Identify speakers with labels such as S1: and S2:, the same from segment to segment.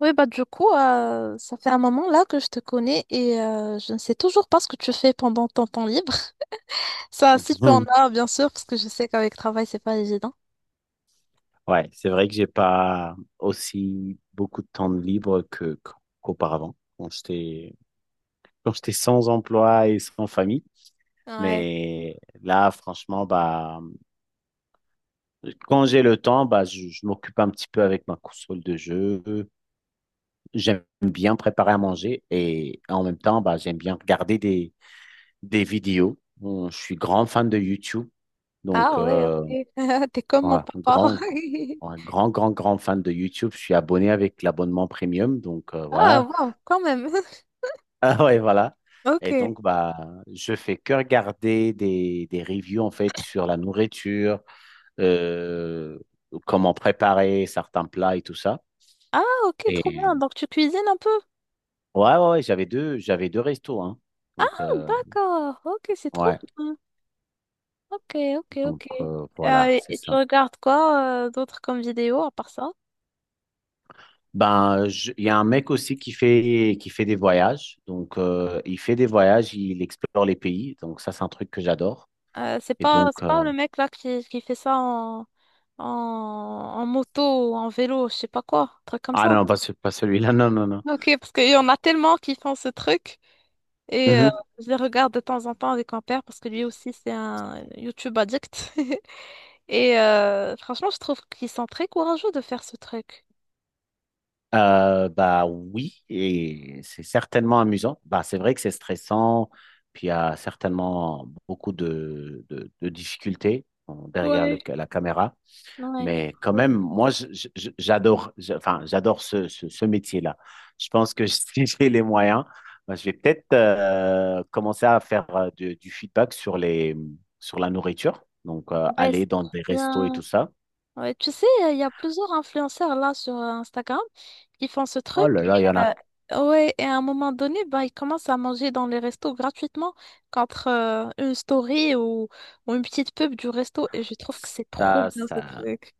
S1: Oui, bah du coup, ça fait un moment là que je te connais et je ne sais toujours pas ce que tu fais pendant ton temps libre. Ça, si tu en
S2: Mhm.
S1: as, bien sûr, parce que je sais qu'avec travail, c'est pas évident.
S2: Ouais, c'est vrai que j'ai pas aussi beaucoup de temps de libre que qu'auparavant, quand j'étais sans emploi et sans famille.
S1: Ouais.
S2: Mais là, franchement, bah quand j'ai le temps, bah je m'occupe un petit peu avec ma console de jeu. J'aime bien préparer à manger et en même temps, bah j'aime bien regarder des vidéos. Bon, je suis grand fan de YouTube. Donc,
S1: Ah ouais, ok. T'es comme mon
S2: ouais,
S1: papa.
S2: grand, ouais, grand, grand, grand fan de YouTube. Je suis abonné avec l'abonnement premium. Donc,
S1: Ah
S2: voilà.
S1: wow, quand même.
S2: Ah ouais, voilà. Et
S1: Ok.
S2: donc, bah, je fais que regarder des reviews, en fait, sur la nourriture, euh, comment préparer certains plats et tout ça.
S1: Ah ok, trop
S2: Et
S1: bien, donc tu cuisines un peu.
S2: ouais, ouais, ouais, j'avais deux restos, hein. Donc,
S1: D'accord. Ok, c'est trop
S2: ouais.
S1: bien. Ok, ok,
S2: Donc,
S1: ok.
S2: voilà, c'est
S1: Et tu
S2: ça.
S1: regardes quoi d'autre comme vidéo à part ça?
S2: Ben, il y a un mec aussi qui fait, des voyages. Donc, il fait des voyages, il explore les pays. Donc, ça, c'est un truc que j'adore.
S1: C'est
S2: Et
S1: pas,
S2: donc,
S1: c'est pas le mec là qui fait ça en, en moto ou en vélo, je sais pas quoi, un truc comme
S2: ah
S1: ça,
S2: non, pas, pas celui-là, non, non, non.
S1: non? Ok, parce qu'il y en a tellement qui font ce truc et
S2: Mhm.
S1: je les regarde de temps en temps avec mon père parce que lui aussi c'est un YouTube addict. Et franchement, je trouve qu'ils sont très courageux de faire ce truc.
S2: Bah oui, et c'est certainement amusant. Bah, c'est vrai que c'est stressant, puis il y a certainement beaucoup de difficultés bon, derrière
S1: Ouais.
S2: la caméra.
S1: Ouais,
S2: Mais quand même,
S1: trop.
S2: moi, j'adore, enfin, j'adore ce métier-là. Je pense que si j'ai les moyens, ben, je vais peut-être commencer à faire du feedback sur la nourriture. Donc,
S1: Ouais,
S2: aller
S1: c'est
S2: dans des
S1: trop
S2: restos et tout
S1: bien.
S2: ça.
S1: Ouais, tu sais, il y a plusieurs influenceurs là sur Instagram. Ils font ce
S2: Oh
S1: truc
S2: là
S1: et,
S2: là, il y en a.
S1: ouais, et à un moment donné, bah, ils commencent à manger dans les restos gratuitement contre une story ou une petite pub du resto. Et je trouve que c'est
S2: Ça,
S1: trop bien ce
S2: ça.
S1: truc.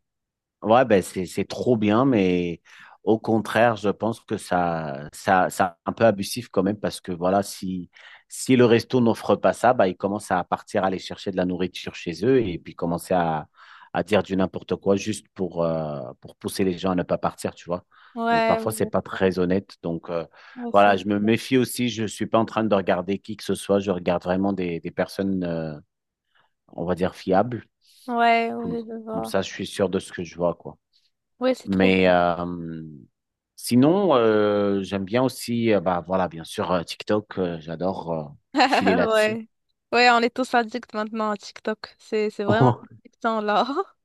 S2: Ouais, ben c'est trop bien, mais au contraire, je pense que ça ça c'est un peu abusif quand même parce que voilà, si le resto n'offre pas ça, bah ils commencent à partir aller chercher de la nourriture chez eux et puis commencer à dire du n'importe quoi juste pour pousser les gens à ne pas partir, tu vois. Donc
S1: Ouais,
S2: parfois c'est
S1: ouais,
S2: pas très honnête. Donc
S1: ouais,
S2: voilà, je me méfie aussi. Je suis pas en train de regarder qui que ce soit. Je regarde vraiment des personnes, on va dire fiables.
S1: ouais,
S2: Comme
S1: ouais, je
S2: comme
S1: vois.
S2: ça, je suis sûr de ce que je vois, quoi.
S1: Ouais, c'est trop bien.
S2: Mais sinon, j'aime bien aussi, bah voilà, bien sûr, TikTok, j'adore filer là-dessus.
S1: Ouais. Ouais, on est tous addicts maintenant à TikTok. C'est vraiment addictant là.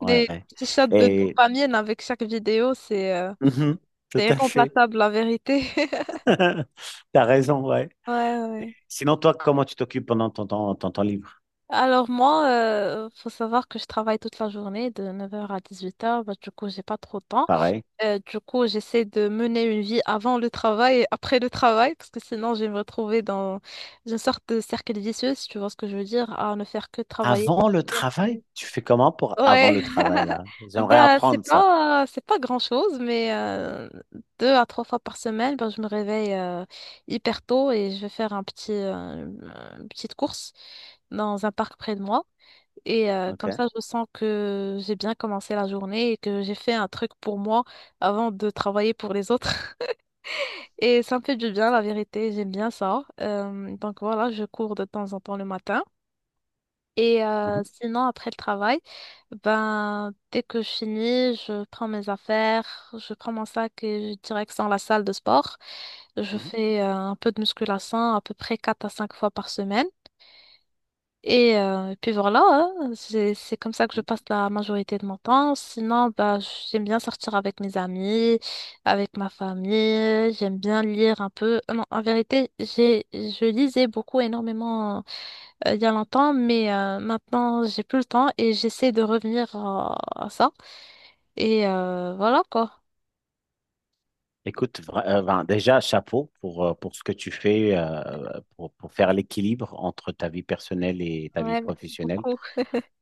S1: Des
S2: Ouais.
S1: petits shots de
S2: Et
S1: dopamine avec chaque vidéo, c'est euh,
S2: Mhm, tout
S1: c'est
S2: à fait.
S1: irremplaçable, la vérité.
S2: T'as raison, ouais.
S1: Ouais, ouais.
S2: Sinon, toi, comment tu t'occupes pendant ton temps libre?
S1: Alors moi, faut savoir que je travaille toute la journée de 9h à 18h, bah, du coup j'ai pas trop de temps.
S2: Pareil.
S1: Du coup j'essaie de mener une vie avant le travail et après le travail, parce que sinon je vais me retrouver dans une sorte de cercle vicieux, si tu vois ce que je veux dire, à ne faire que travailler
S2: Avant le
S1: dormir.
S2: travail? Tu fais comment pour avant
S1: Ouais,
S2: le travail, là? J'aimerais
S1: ben c'est
S2: apprendre ça.
S1: pas c'est pas grand-chose, mais deux à trois fois par semaine, ben, je me réveille hyper tôt et je vais faire un petit une petite course dans un parc près de moi. Et comme
S2: OK.
S1: ça, je sens que j'ai bien commencé la journée et que j'ai fait un truc pour moi avant de travailler pour les autres. Et ça me fait du bien, la vérité, j'aime bien ça. Donc voilà, je cours de temps en temps le matin. Et
S2: Mhm,
S1: sinon, après le travail, ben, dès que je finis, je prends mes affaires, je prends mon sac et je direction la salle de sport. Je
S2: mhm.
S1: fais un peu de musculation à peu près 4 à 5 fois par semaine. Et puis voilà, hein, c'est comme ça que je passe la majorité de mon temps. Sinon, bah, j'aime bien sortir avec mes amis, avec ma famille. J'aime bien lire un peu. Non, en vérité, j'ai je lisais beaucoup énormément il y a longtemps, mais maintenant j'ai plus le temps et j'essaie de revenir à ça. Et voilà quoi.
S2: Écoute, ben, déjà, chapeau pour ce que tu fais pour faire l'équilibre entre ta vie personnelle et ta vie
S1: Ouais, merci
S2: professionnelle.
S1: beaucoup.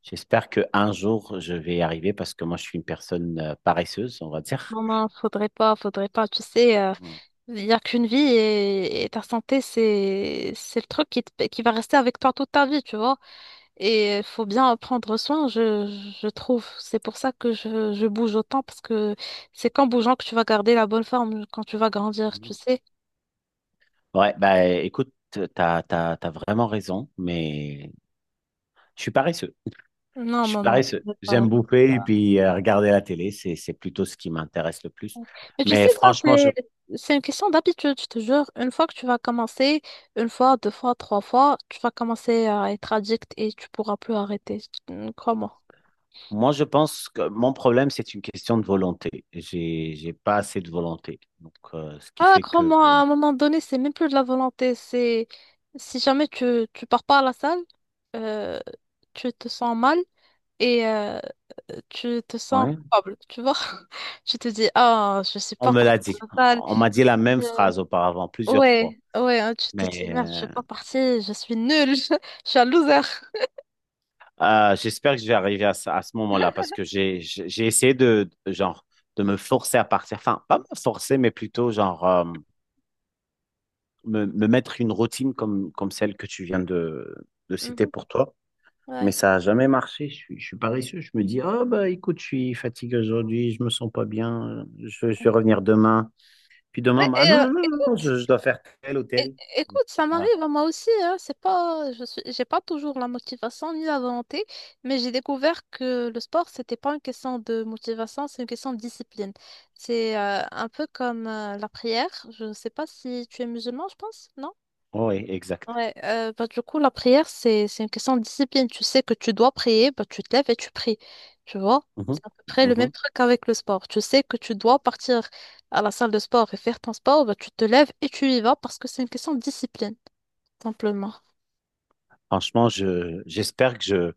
S2: J'espère que un jour, je vais y arriver parce que moi, je suis une personne paresseuse, on va dire.
S1: Non, non, faudrait pas, faudrait pas. Tu sais,
S2: Mm.
S1: il n'y a qu'une vie et ta santé, c'est le truc qui va rester avec toi toute ta vie, tu vois. Et il faut bien en prendre soin, je trouve. C'est pour ça que je bouge autant, parce que c'est qu'en bougeant que tu vas garder la bonne forme quand tu vas grandir,
S2: Mhm.
S1: tu sais.
S2: Ouais, bah écoute, t'as vraiment raison, mais je suis paresseux.
S1: Non,
S2: Je suis
S1: non, non,
S2: paresseux.
S1: faudrait pas.
S2: J'aime bouffer et puis regarder la télé, c'est plutôt ce qui m'intéresse le plus.
S1: Mais tu
S2: Mais
S1: sais, ça,
S2: franchement,
S1: c'est,
S2: je
S1: c'est une question d'habitude, je te jure. Une fois que tu vas commencer, une fois, deux fois, trois fois, tu vas commencer à être addict et tu pourras plus arrêter. Crois-moi.
S2: Moi, je pense que mon problème, c'est une question de volonté. J'ai pas assez de volonté. Donc, ce qui
S1: Ah,
S2: fait que,
S1: crois-moi, à un moment donné, c'est même plus de la volonté. C'est si jamais tu pars pas à la salle, euh, tu te sens mal et tu te sens
S2: ouais,
S1: coupable, tu vois? Tu te dis, ah, je suis
S2: on
S1: pas
S2: me l'a
S1: partie
S2: dit.
S1: à la salle.
S2: On m'a dit la même
S1: Euh,
S2: phrase auparavant, plusieurs fois.
S1: ouais, ouais, hein, tu te dis,
S2: Mais
S1: merde, je suis pas partie, je suis nulle, je suis un loser.
S2: j'espère que je vais arriver à ce moment-là parce que j'ai essayé genre, de me forcer à partir. Enfin, pas me forcer, mais plutôt, genre, me mettre une routine comme celle que tu viens de citer
S1: Mhm,
S2: pour toi. Mais
S1: ouais.
S2: ça n'a jamais marché. Je suis paresseux. Je me dis, ah bah écoute, je suis fatigué aujourd'hui, je me sens pas bien, je vais revenir demain. Puis demain,
S1: Ouais,
S2: bah, ah
S1: et,
S2: non, non, non, non, non,
S1: écoute.
S2: je dois faire tel ou
S1: É-
S2: tel.
S1: Écoute, ça
S2: Voilà.
S1: m'arrive à moi aussi, hein. C'est pas, je suis, j'ai pas toujours la motivation ni la volonté, mais j'ai découvert que le sport, c'était pas une question de motivation, c'est une question de discipline. C'est un peu comme la prière. Je sais pas si tu es musulman, je pense, non?
S2: Oui, exact.
S1: Ouais, bah, du coup, la prière, c'est une question de discipline. Tu sais que tu dois prier, bah, tu te lèves et tu pries. Tu vois?
S2: Mhm,
S1: C'est à peu près le même
S2: mhm.
S1: truc avec le sport. Tu sais que tu dois partir à la salle de sport et faire ton sport, bah, tu te lèves et tu y vas parce que c'est une question de discipline simplement.
S2: Franchement, j'espère que je,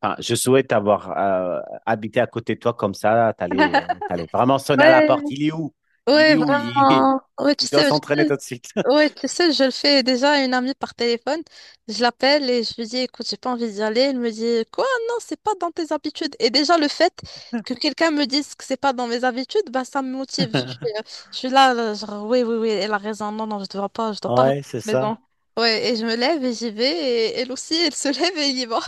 S2: enfin, je souhaite avoir habité à côté de toi comme ça. T'allais vraiment sonner à la
S1: Ouais,
S2: porte. Il est où? Il
S1: ouais,
S2: est où? Il,
S1: vraiment. Ouais, tu
S2: il doit
S1: sais,
S2: s'entraîner tout de suite.
S1: ouais, tu sais, je le fais déjà à une amie par téléphone. Je l'appelle et je lui dis, écoute, j'ai pas envie d'y aller. Elle me dit, quoi? Non, c'est pas dans tes habitudes. Et déjà, le fait que quelqu'un me dise que c'est pas dans mes habitudes, bah, ça me motive. Je suis, euh, je suis là, là, genre, oui, oui, oui, elle a raison. Non, non, je dois pas rester
S2: Ouais, c'est
S1: à la
S2: ça.
S1: maison. Ouais, et je me lève et j'y vais. Et elle aussi, elle se lève et elle y va.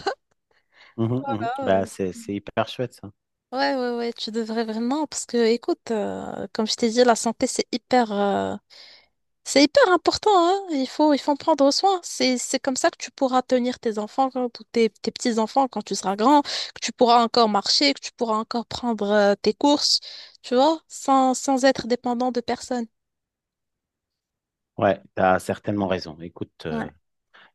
S2: Mhm, mhm.
S1: Ah
S2: Bah,
S1: ouais.
S2: c'est hyper chouette, ça.
S1: Ouais, ouais, ouais, tu devrais vraiment, parce que, écoute, comme je t'ai dit, la santé, c'est hyper important, hein. Il faut en prendre soin. C'est comme ça que tu pourras tenir tes enfants, ou tes, petits-enfants quand tu seras grand, que tu pourras encore marcher, que tu pourras encore prendre, tes courses, tu vois, sans être dépendant de personne.
S2: Ouais, tu as certainement raison. Écoute,
S1: Ouais.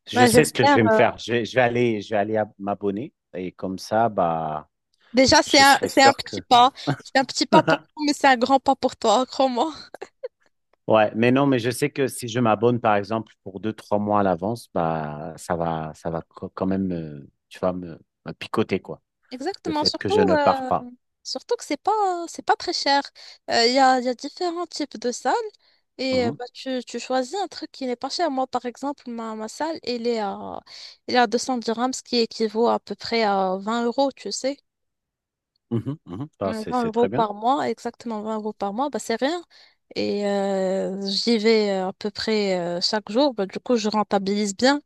S2: je
S1: Ouais,
S2: sais ce que je
S1: j'espère.
S2: vais me faire. Je vais aller m'abonner et comme ça, bah,
S1: Déjà,
S2: je serai
S1: c'est un
S2: sûr que.
S1: petit pas. C'est un petit pas pour nous, mais c'est un grand pas pour toi, crois-moi.
S2: Ouais, mais non, mais je sais que si je m'abonne, par exemple, pour deux, trois mois à l'avance, bah, ça va, quand même, tu vas me picoter, quoi, le
S1: Exactement,
S2: fait que je ne pars pas.
S1: Surtout que c'est pas très cher. Il y a différents types de salles et
S2: Mhm,
S1: bah, tu choisis un truc qui n'est pas cher. Moi, par exemple, ma salle, elle est à 200 dirhams, ce qui équivaut à peu près à 20 euros, tu sais.
S2: mhm, mhm. Ah, c'est,
S1: 20
S2: c'est
S1: euros
S2: très bien.
S1: par mois, exactement 20 € par mois, bah, c'est rien. Et j'y vais à peu près chaque jour. Bah, du coup, je rentabilise bien.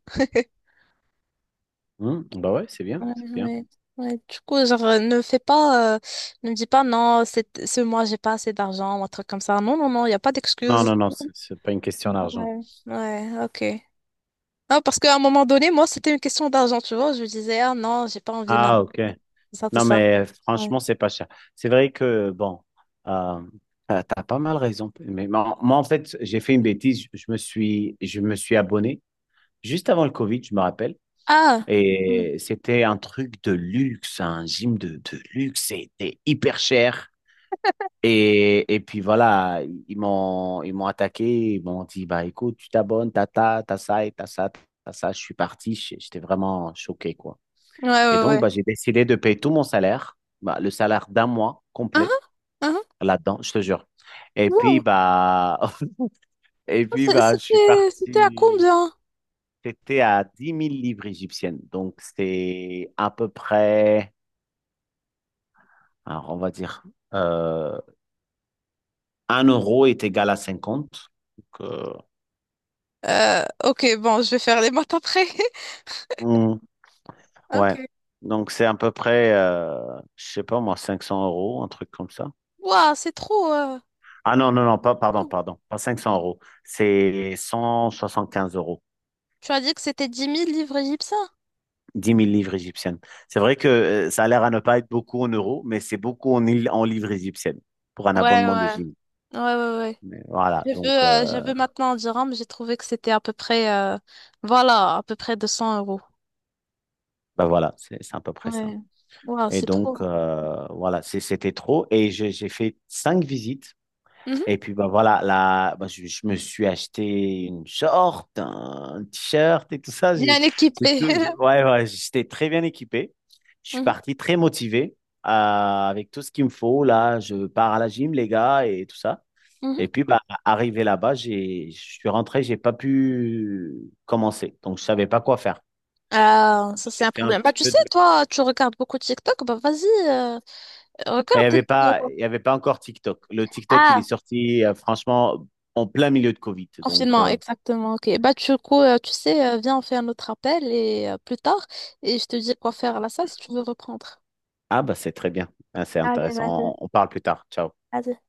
S2: Mhm. Bah ouais, c'est bien,
S1: Ouais,
S2: c'est bien.
S1: ouais, ouais. Du coup, genre, ne fais pas, ne me dis pas non, c'est, ce mois, j'ai pas assez d'argent ou un truc comme ça. Non, non, non, il n'y a pas
S2: Non,
S1: d'excuse.
S2: non, non, c'est pas une question d'argent.
S1: Ouais. Ouais, ok. Ah, parce qu'à un moment donné, moi, c'était une question d'argent, tu vois. Je me disais, ah non, j'ai pas envie maintenant,
S2: Ah, ok.
S1: tout ça, tout
S2: Non,
S1: ça.
S2: mais
S1: Ouais.
S2: franchement, c'est pas cher. C'est vrai que, bon, euh, t'as pas mal raison. Mais moi, en fait, j'ai fait une bêtise. Je me suis abonné juste avant le Covid, je me rappelle.
S1: Ah! Hmm.
S2: Et c'était un truc de luxe, un gym de luxe. C'était hyper cher. Et puis voilà, ils m'ont attaqué. Ils m'ont dit, bah écoute, tu t'abonnes, t'as ça et t'as ça, t'as ça. Je suis parti. J'étais vraiment choqué, quoi.
S1: Ouais,
S2: Et
S1: ouais,
S2: donc, bah,
S1: ouais.
S2: j'ai décidé de payer tout mon salaire, bah, le salaire d'un mois
S1: Ah,
S2: complet
S1: ah, ah.
S2: là-dedans, je te jure. Et puis,
S1: Wow.
S2: bah, et puis, bah, je suis
S1: C'était à
S2: parti.
S1: combien?
S2: C'était à 10 000 livres égyptiennes. Donc, c'est à peu près, alors, on va dire, euh, 1 euro est égal à 50. Donc,
S1: Ok, bon, je vais faire les maths après.
S2: hmm,
S1: Ok.
S2: ouais. Donc, c'est à peu près, je sais pas moi, 500 euros, un truc comme ça.
S1: Waouh, c'est trop.
S2: Ah non, non, non, pas, pardon,
S1: Ouh.
S2: pardon, pas 500 euros. C'est 175 euros.
S1: Tu as dit que c'était 10 000 livres égyptiens?
S2: 10 000 livres égyptiennes. C'est vrai que ça a l'air à ne pas être beaucoup en euros, mais c'est beaucoup en livres égyptiennes pour un
S1: Ouais,
S2: abonnement de
S1: ouais.
S2: gym.
S1: Ouais, ouais, ouais.
S2: Mais voilà,
S1: J'ai vu,
S2: donc
S1: euh, j'ai vu maintenant en dirham, j'ai trouvé que c'était à peu près, voilà, à peu près 200 euros.
S2: bah voilà, c'est à peu près ça.
S1: Ouais. Waouh,
S2: Et
S1: c'est trop.
S2: donc voilà, c'était trop. Et j'ai fait cinq visites.
S1: Mhm.
S2: Et puis bah voilà, là, bah, je me suis acheté une short, un t-shirt et tout ça. J'ai
S1: Bien
S2: j'ai
S1: équipé.
S2: tout, ouais, ouais, j'étais très bien équipé. Je suis
S1: Mhm,
S2: parti très motivé avec tout ce qu'il me faut. Là, je pars à la gym, les gars, et tout ça.
S1: mhm.
S2: Et puis, bah, arrivé là-bas, je suis rentré, j'ai pas pu commencer. Donc, je savais pas quoi faire.
S1: Ah, ça, c'est
S2: J'ai
S1: un
S2: fait un
S1: problème. Bah,
S2: petit
S1: tu
S2: peu
S1: sais,
S2: de,
S1: toi, tu regardes beaucoup TikTok, bah, vas-y,
S2: enfin, Il y
S1: regarde des
S2: avait pas,
S1: vidéos.
S2: il y avait pas encore TikTok. Le TikTok, il est
S1: Ah,
S2: sorti, franchement, en plein milieu de Covid. Donc,
S1: confinement, exactement, ok. Bah, du coup, tu sais, viens, on fait un autre appel et plus tard, et je te dis quoi faire à la salle si tu veux reprendre.
S2: ah, bah, c'est très bien. Ah, c'est
S1: Allez,
S2: intéressant.
S1: vas-y.
S2: On parle plus tard. Ciao.
S1: Vas-y.